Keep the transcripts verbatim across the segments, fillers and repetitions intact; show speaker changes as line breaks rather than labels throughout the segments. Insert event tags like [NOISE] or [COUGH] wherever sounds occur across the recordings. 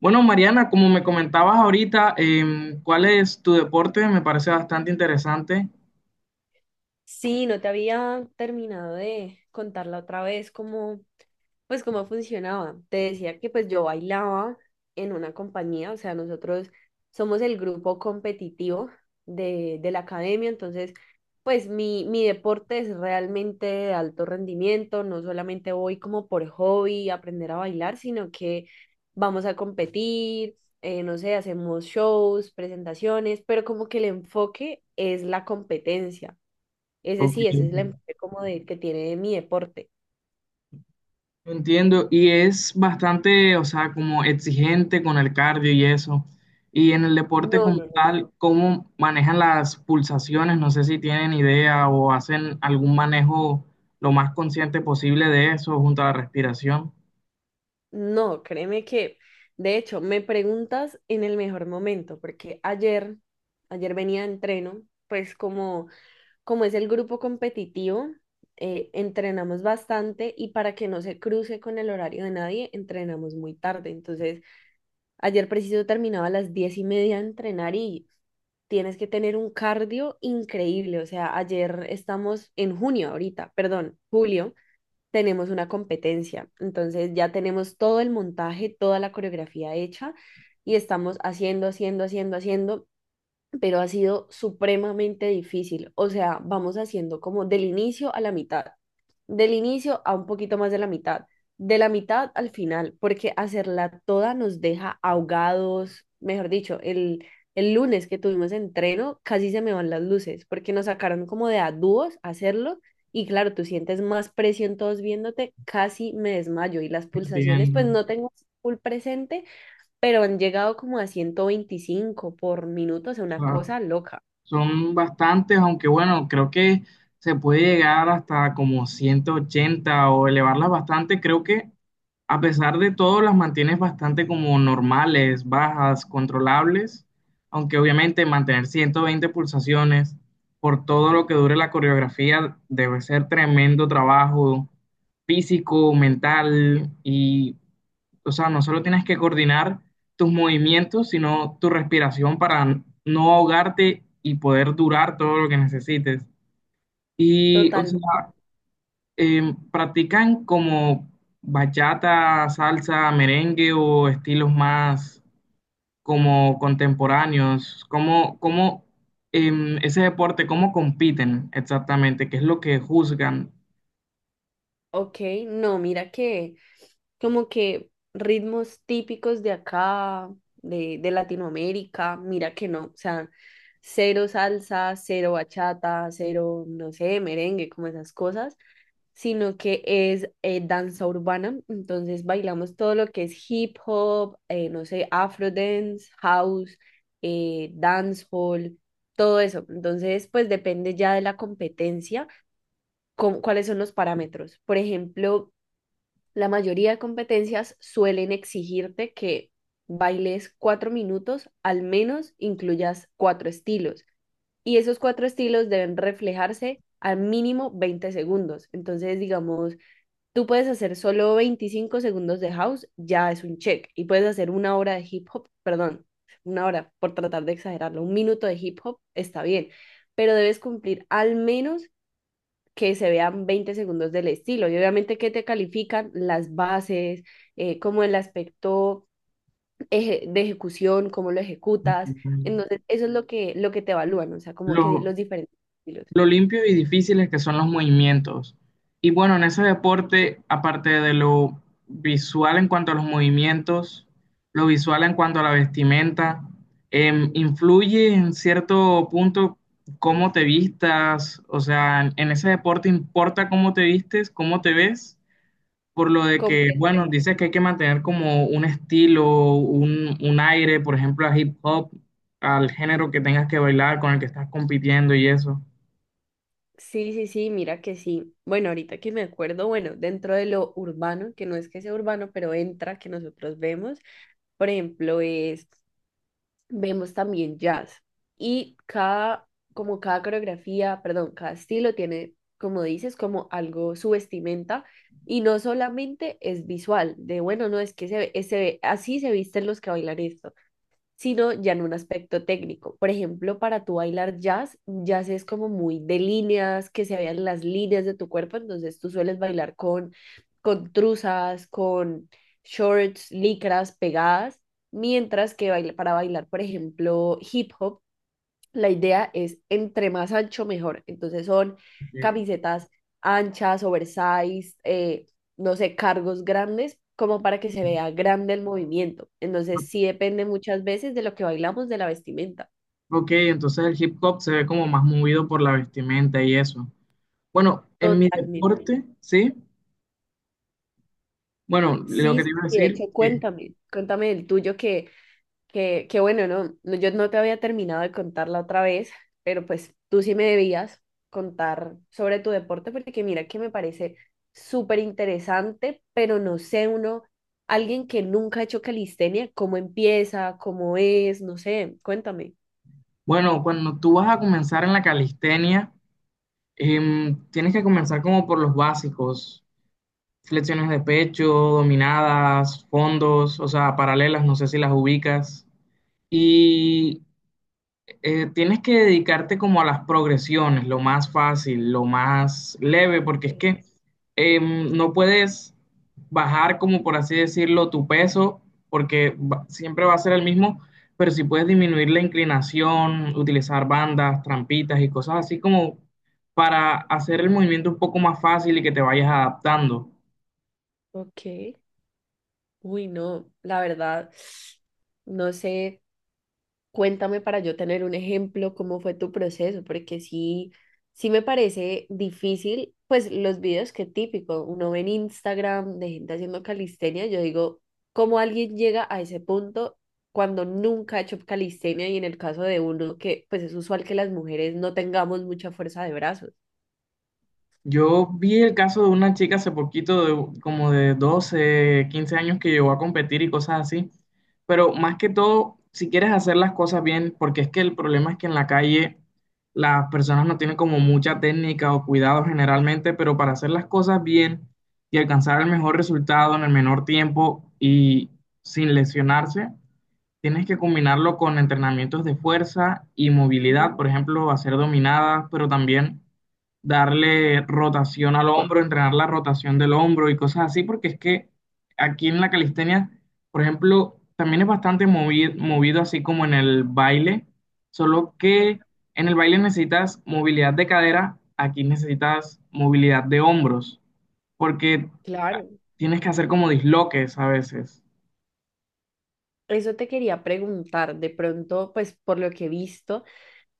Bueno, Mariana, como me comentabas ahorita, em, ¿cuál es tu deporte? Me parece bastante interesante.
Sí, no te había terminado de contarla otra vez cómo, pues cómo funcionaba. Te decía que pues yo bailaba en una compañía, o sea, nosotros somos el grupo competitivo de, de la academia, entonces pues mi, mi deporte es realmente de alto rendimiento, no solamente voy como por hobby a aprender a bailar, sino que vamos a competir, eh, no sé, hacemos shows, presentaciones, pero como que el enfoque es la competencia. Ese
Ok.
sí, ese es el empuje como de, que tiene de mi deporte.
Entiendo, y es bastante, o sea, como exigente con el cardio y eso. Y en el deporte
No,
como
no, no.
tal, ¿cómo manejan las pulsaciones? No sé si tienen idea o hacen algún manejo lo más consciente posible de eso junto a la respiración.
No, créeme que, de hecho, me preguntas en el mejor momento, porque ayer, ayer venía de entreno, pues como, como es el grupo competitivo, eh, entrenamos bastante y para que no se cruce con el horario de nadie, entrenamos muy tarde. Entonces, ayer preciso terminaba a las diez y media de entrenar y tienes que tener un cardio increíble. O sea, ayer estamos en junio ahorita, perdón, julio, tenemos una competencia. Entonces ya tenemos todo el montaje, toda la coreografía hecha y estamos haciendo, haciendo, haciendo, haciendo, pero ha sido supremamente difícil. O sea, vamos haciendo como del inicio a la mitad, del inicio a un poquito más de la mitad, de la mitad al final, porque hacerla toda nos deja ahogados. Mejor dicho, el, el lunes que tuvimos entreno, casi se me van las luces, porque nos sacaron como de a dúos a hacerlo. Y claro, tú sientes más presión todos viéndote, casi me desmayo y las pulsaciones, pues
Entiendo.
no tengo full presente, pero han llegado como a ciento veinticinco por minuto, o sea, una cosa loca.
Son bastantes, aunque bueno, creo que se puede llegar hasta como ciento ochenta o elevarlas bastante. Creo que a pesar de todo las mantienes bastante como normales, bajas, controlables, aunque obviamente mantener ciento veinte pulsaciones por todo lo que dure la coreografía debe ser tremendo trabajo físico, mental y o sea, no solo tienes que coordinar tus movimientos, sino tu respiración para n- no ahogarte y poder durar todo lo que necesites. Y, o
Total,
sea, em, ¿practican como bachata, salsa, merengue o estilos más como contemporáneos? ¿Cómo, cómo em, ese deporte, cómo compiten exactamente? ¿Qué es lo que juzgan
ok, no, mira que como que ritmos típicos de acá, de, de Latinoamérica, mira que no, o sea, cero salsa, cero bachata, cero, no sé, merengue, como esas cosas, sino que es eh, danza urbana. Entonces bailamos todo lo que es hip hop, eh, no sé, afro dance, house, eh, dancehall, todo eso. Entonces, pues depende ya de la competencia, con, cuáles son los parámetros. Por ejemplo, la mayoría de competencias suelen exigirte que bailes cuatro minutos, al menos incluyas cuatro estilos. Y esos cuatro estilos deben reflejarse al mínimo veinte segundos. Entonces, digamos, tú puedes hacer solo veinticinco segundos de house, ya es un check. Y puedes hacer una hora de hip hop, perdón, una hora, por tratar de exagerarlo, un minuto de hip hop está bien, pero debes cumplir al menos que se vean veinte segundos del estilo. Y obviamente que te califican las bases, eh, cómo el aspecto eje- de ejecución, cómo lo ejecutas. Entonces, eso es lo que, lo que te evalúan, o sea, como que
los,
los diferentes estilos.
lo limpio y difíciles que son los movimientos? Y bueno, en ese deporte, aparte de lo visual en cuanto a los movimientos, lo visual en cuanto a la vestimenta, em, influye en cierto punto cómo te vistas, o sea, en, en ese deporte importa cómo te vistes, cómo te ves, por lo de que, bueno,
Completamente.
dices que hay que mantener como un estilo, un, un aire, por ejemplo, a hip hop, al género que tengas que bailar, con el que estás compitiendo y eso.
Sí, sí, sí, mira que sí. Bueno, ahorita que me acuerdo, bueno, dentro de lo urbano, que no es que sea urbano, pero entra, que nosotros vemos, por ejemplo, es, vemos también jazz. Y cada, como cada coreografía, perdón, cada estilo tiene, como dices, como algo, su vestimenta. Y no solamente es visual, de bueno, no es que se, ve- se ve- así se visten los que bailan esto, sino ya en un aspecto técnico. Por ejemplo, para tú bailar jazz, jazz es como muy de líneas, que se vean las líneas de tu cuerpo, entonces tú sueles bailar con, con truzas, con shorts, licras pegadas, mientras que baila- para bailar, por ejemplo, hip hop, la idea es entre más ancho, mejor. Entonces son
Eh,
camisetas anchas, oversize, eh, no sé, cargos grandes, como para que se vea grande el movimiento. Entonces sí depende muchas veces de lo que bailamos, de la vestimenta.
Ok, entonces el hip hop se ve como más movido por la vestimenta y eso. Bueno, en mi
Totalmente.
deporte, sí. Bueno, lo que
Sí,
te
sí,
iba a
sí, de
decir,
hecho,
que,
cuéntame, cuéntame el tuyo que... Que, que bueno, no, no, yo no te había terminado de contar la otra vez, pero pues tú sí me debías contar sobre tu deporte, porque mira que me parece súper interesante, pero no sé, uno, alguien que nunca ha hecho calistenia, cómo empieza, cómo es, no sé, cuéntame.
bueno, cuando tú vas a comenzar en la calistenia, em, tienes que comenzar como por los básicos, flexiones de pecho, dominadas, fondos, o sea, paralelas, no sé si las ubicas. Y eh, tienes que dedicarte como a las progresiones, lo más fácil, lo más leve, porque es
Eh,
que em, no puedes bajar, como por así decirlo, tu peso, porque va- siempre va a ser el mismo, pero si puedes disminuir la inclinación, utilizar bandas, trampitas y cosas así como para hacer el movimiento un poco más fácil y que te vayas adaptando.
Ok, uy, no, la verdad, no sé. Cuéntame para yo tener un ejemplo, cómo fue tu proceso, porque sí, sí me parece difícil, pues los videos que típico, uno ve en Instagram de gente haciendo calistenia, yo digo, ¿cómo alguien llega a ese punto cuando nunca ha hecho calistenia y en el caso de uno que pues es usual que las mujeres no tengamos mucha fuerza de brazos?
Yo vi el caso de una chica hace poquito, de, como de doce quince años, que llegó a competir y cosas así. Pero más que todo, si quieres hacer las cosas bien, porque es que el problema es que en la calle las personas no tienen como mucha técnica o cuidado generalmente, pero para hacer las cosas bien y alcanzar el mejor resultado en el menor tiempo y sin lesionarse, tienes que combinarlo con entrenamientos de fuerza y
Mm,
movilidad, por ejemplo, hacer dominadas, pero también darle rotación al hombro, entrenar la rotación del hombro y cosas así, porque es que aquí en la calistenia, por ejemplo, también es bastante movi- movido, así como en el baile, solo que en el baile necesitas movilidad de cadera, aquí necesitas movilidad de hombros, porque
Claro,
tienes que hacer como disloques a veces.
eso te quería preguntar, de pronto, pues por lo que he visto.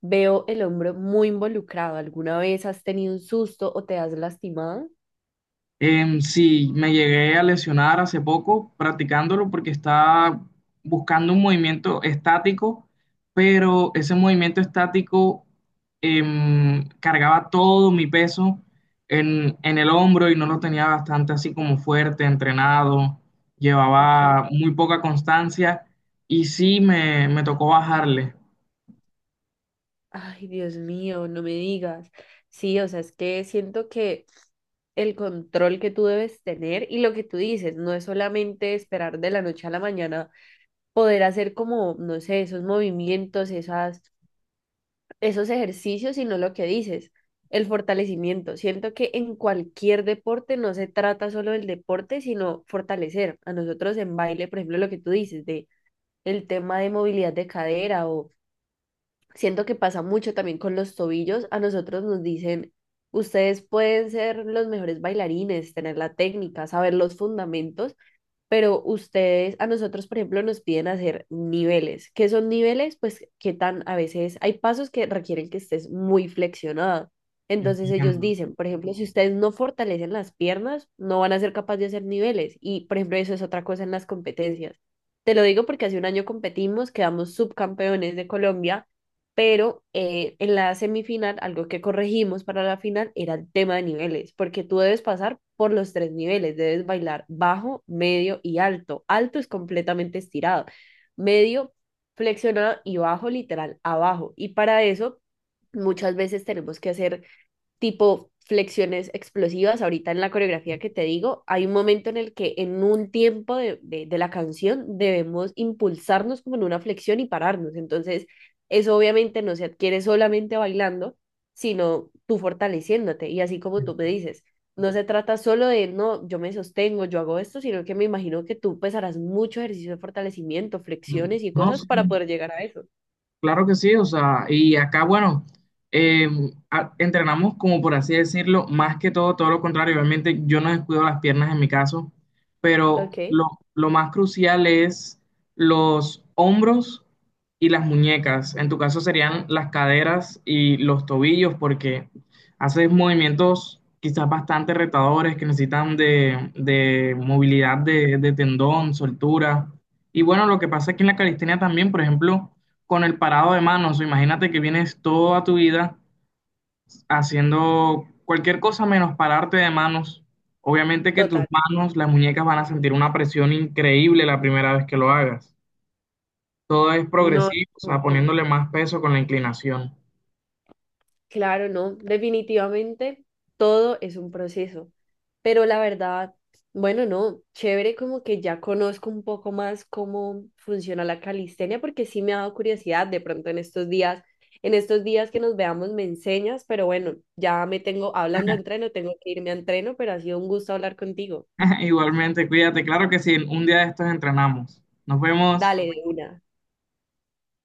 Veo el hombro muy involucrado. ¿Alguna vez has tenido un susto o te has lastimado?
Em, sí, me llegué a lesionar hace poco practicándolo porque estaba buscando un movimiento estático, pero ese movimiento estático em, cargaba todo mi peso en, en el hombro y no lo tenía bastante así como fuerte, entrenado,
Ok.
llevaba muy poca constancia y sí me, me tocó bajarle.
Ay, Dios mío, no me digas. Sí, o sea, es que siento que el control que tú debes tener y lo que tú dices, no es solamente esperar de la noche a la mañana poder hacer como, no sé, esos movimientos, esas, esos ejercicios, sino lo que dices, el fortalecimiento. Siento que en cualquier deporte no se trata solo del deporte, sino fortalecer. A nosotros en baile, por ejemplo, lo que tú dices, de el tema de movilidad de cadera o siento que pasa mucho también con los tobillos. A nosotros nos dicen, ustedes pueden ser los mejores bailarines, tener la técnica, saber los fundamentos, pero ustedes, a nosotros, por ejemplo, nos piden hacer niveles. ¿Qué son niveles? Pues qué tan, a veces hay pasos que requieren que estés muy flexionada. Entonces ellos
Entiendo.
dicen, por ejemplo, si ustedes no fortalecen las piernas, no van a ser capaces de hacer niveles. Y, por ejemplo, eso es otra cosa en las competencias. Te lo digo porque hace un año competimos, quedamos subcampeones de Colombia, pero eh, en la semifinal, algo que corregimos para la final era el tema de niveles, porque tú debes pasar por los tres niveles, debes bailar bajo, medio y alto. Alto es completamente estirado, medio flexionado y bajo literal abajo. Y para eso muchas veces tenemos que hacer tipo flexiones explosivas. Ahorita en la coreografía que te digo, hay un momento en el que en un tiempo de, de, de la canción debemos impulsarnos como en una flexión y pararnos. Entonces, eso obviamente no se adquiere solamente bailando, sino tú fortaleciéndote. Y así como tú me dices, no se trata solo de, no, yo me sostengo, yo hago esto, sino que me imagino que tú pues harás mucho ejercicio de fortalecimiento, flexiones y
No
cosas
sé.
para poder llegar a eso.
Claro que sí, o sea, y acá, bueno, eh, a- entrenamos como por así decirlo, más que todo, todo lo contrario. Obviamente yo no descuido las piernas en mi caso, pero
Ok,
lo, lo más crucial es los hombros y las muñecas. En tu caso serían las caderas y los tobillos, porque haces movimientos quizás bastante retadores que necesitan de, de movilidad de, de tendón, soltura. Y bueno, lo que pasa aquí en la calistenia también, por ejemplo con el parado de manos. Imagínate que vienes toda tu vida haciendo cualquier cosa menos pararte de manos. Obviamente que tus
total.
manos, las muñecas van a sentir una presión increíble la primera vez que lo hagas. Todo es
No,
progresivo, o sea,
no.
poniéndole más peso con la inclinación.
Claro, no, definitivamente todo es un proceso, pero la verdad, bueno, no, chévere como que ya conozco un poco más cómo funciona la calistenia porque sí me ha dado curiosidad de pronto en estos días, en estos días que nos veamos me enseñas, pero bueno, ya me tengo hablando de entreno, tengo que irme a entreno, pero ha sido un gusto hablar contigo.
[LAUGHS] Igualmente, cuídate. Claro que sí, un día de estos entrenamos. Nos vemos.
Dale de una.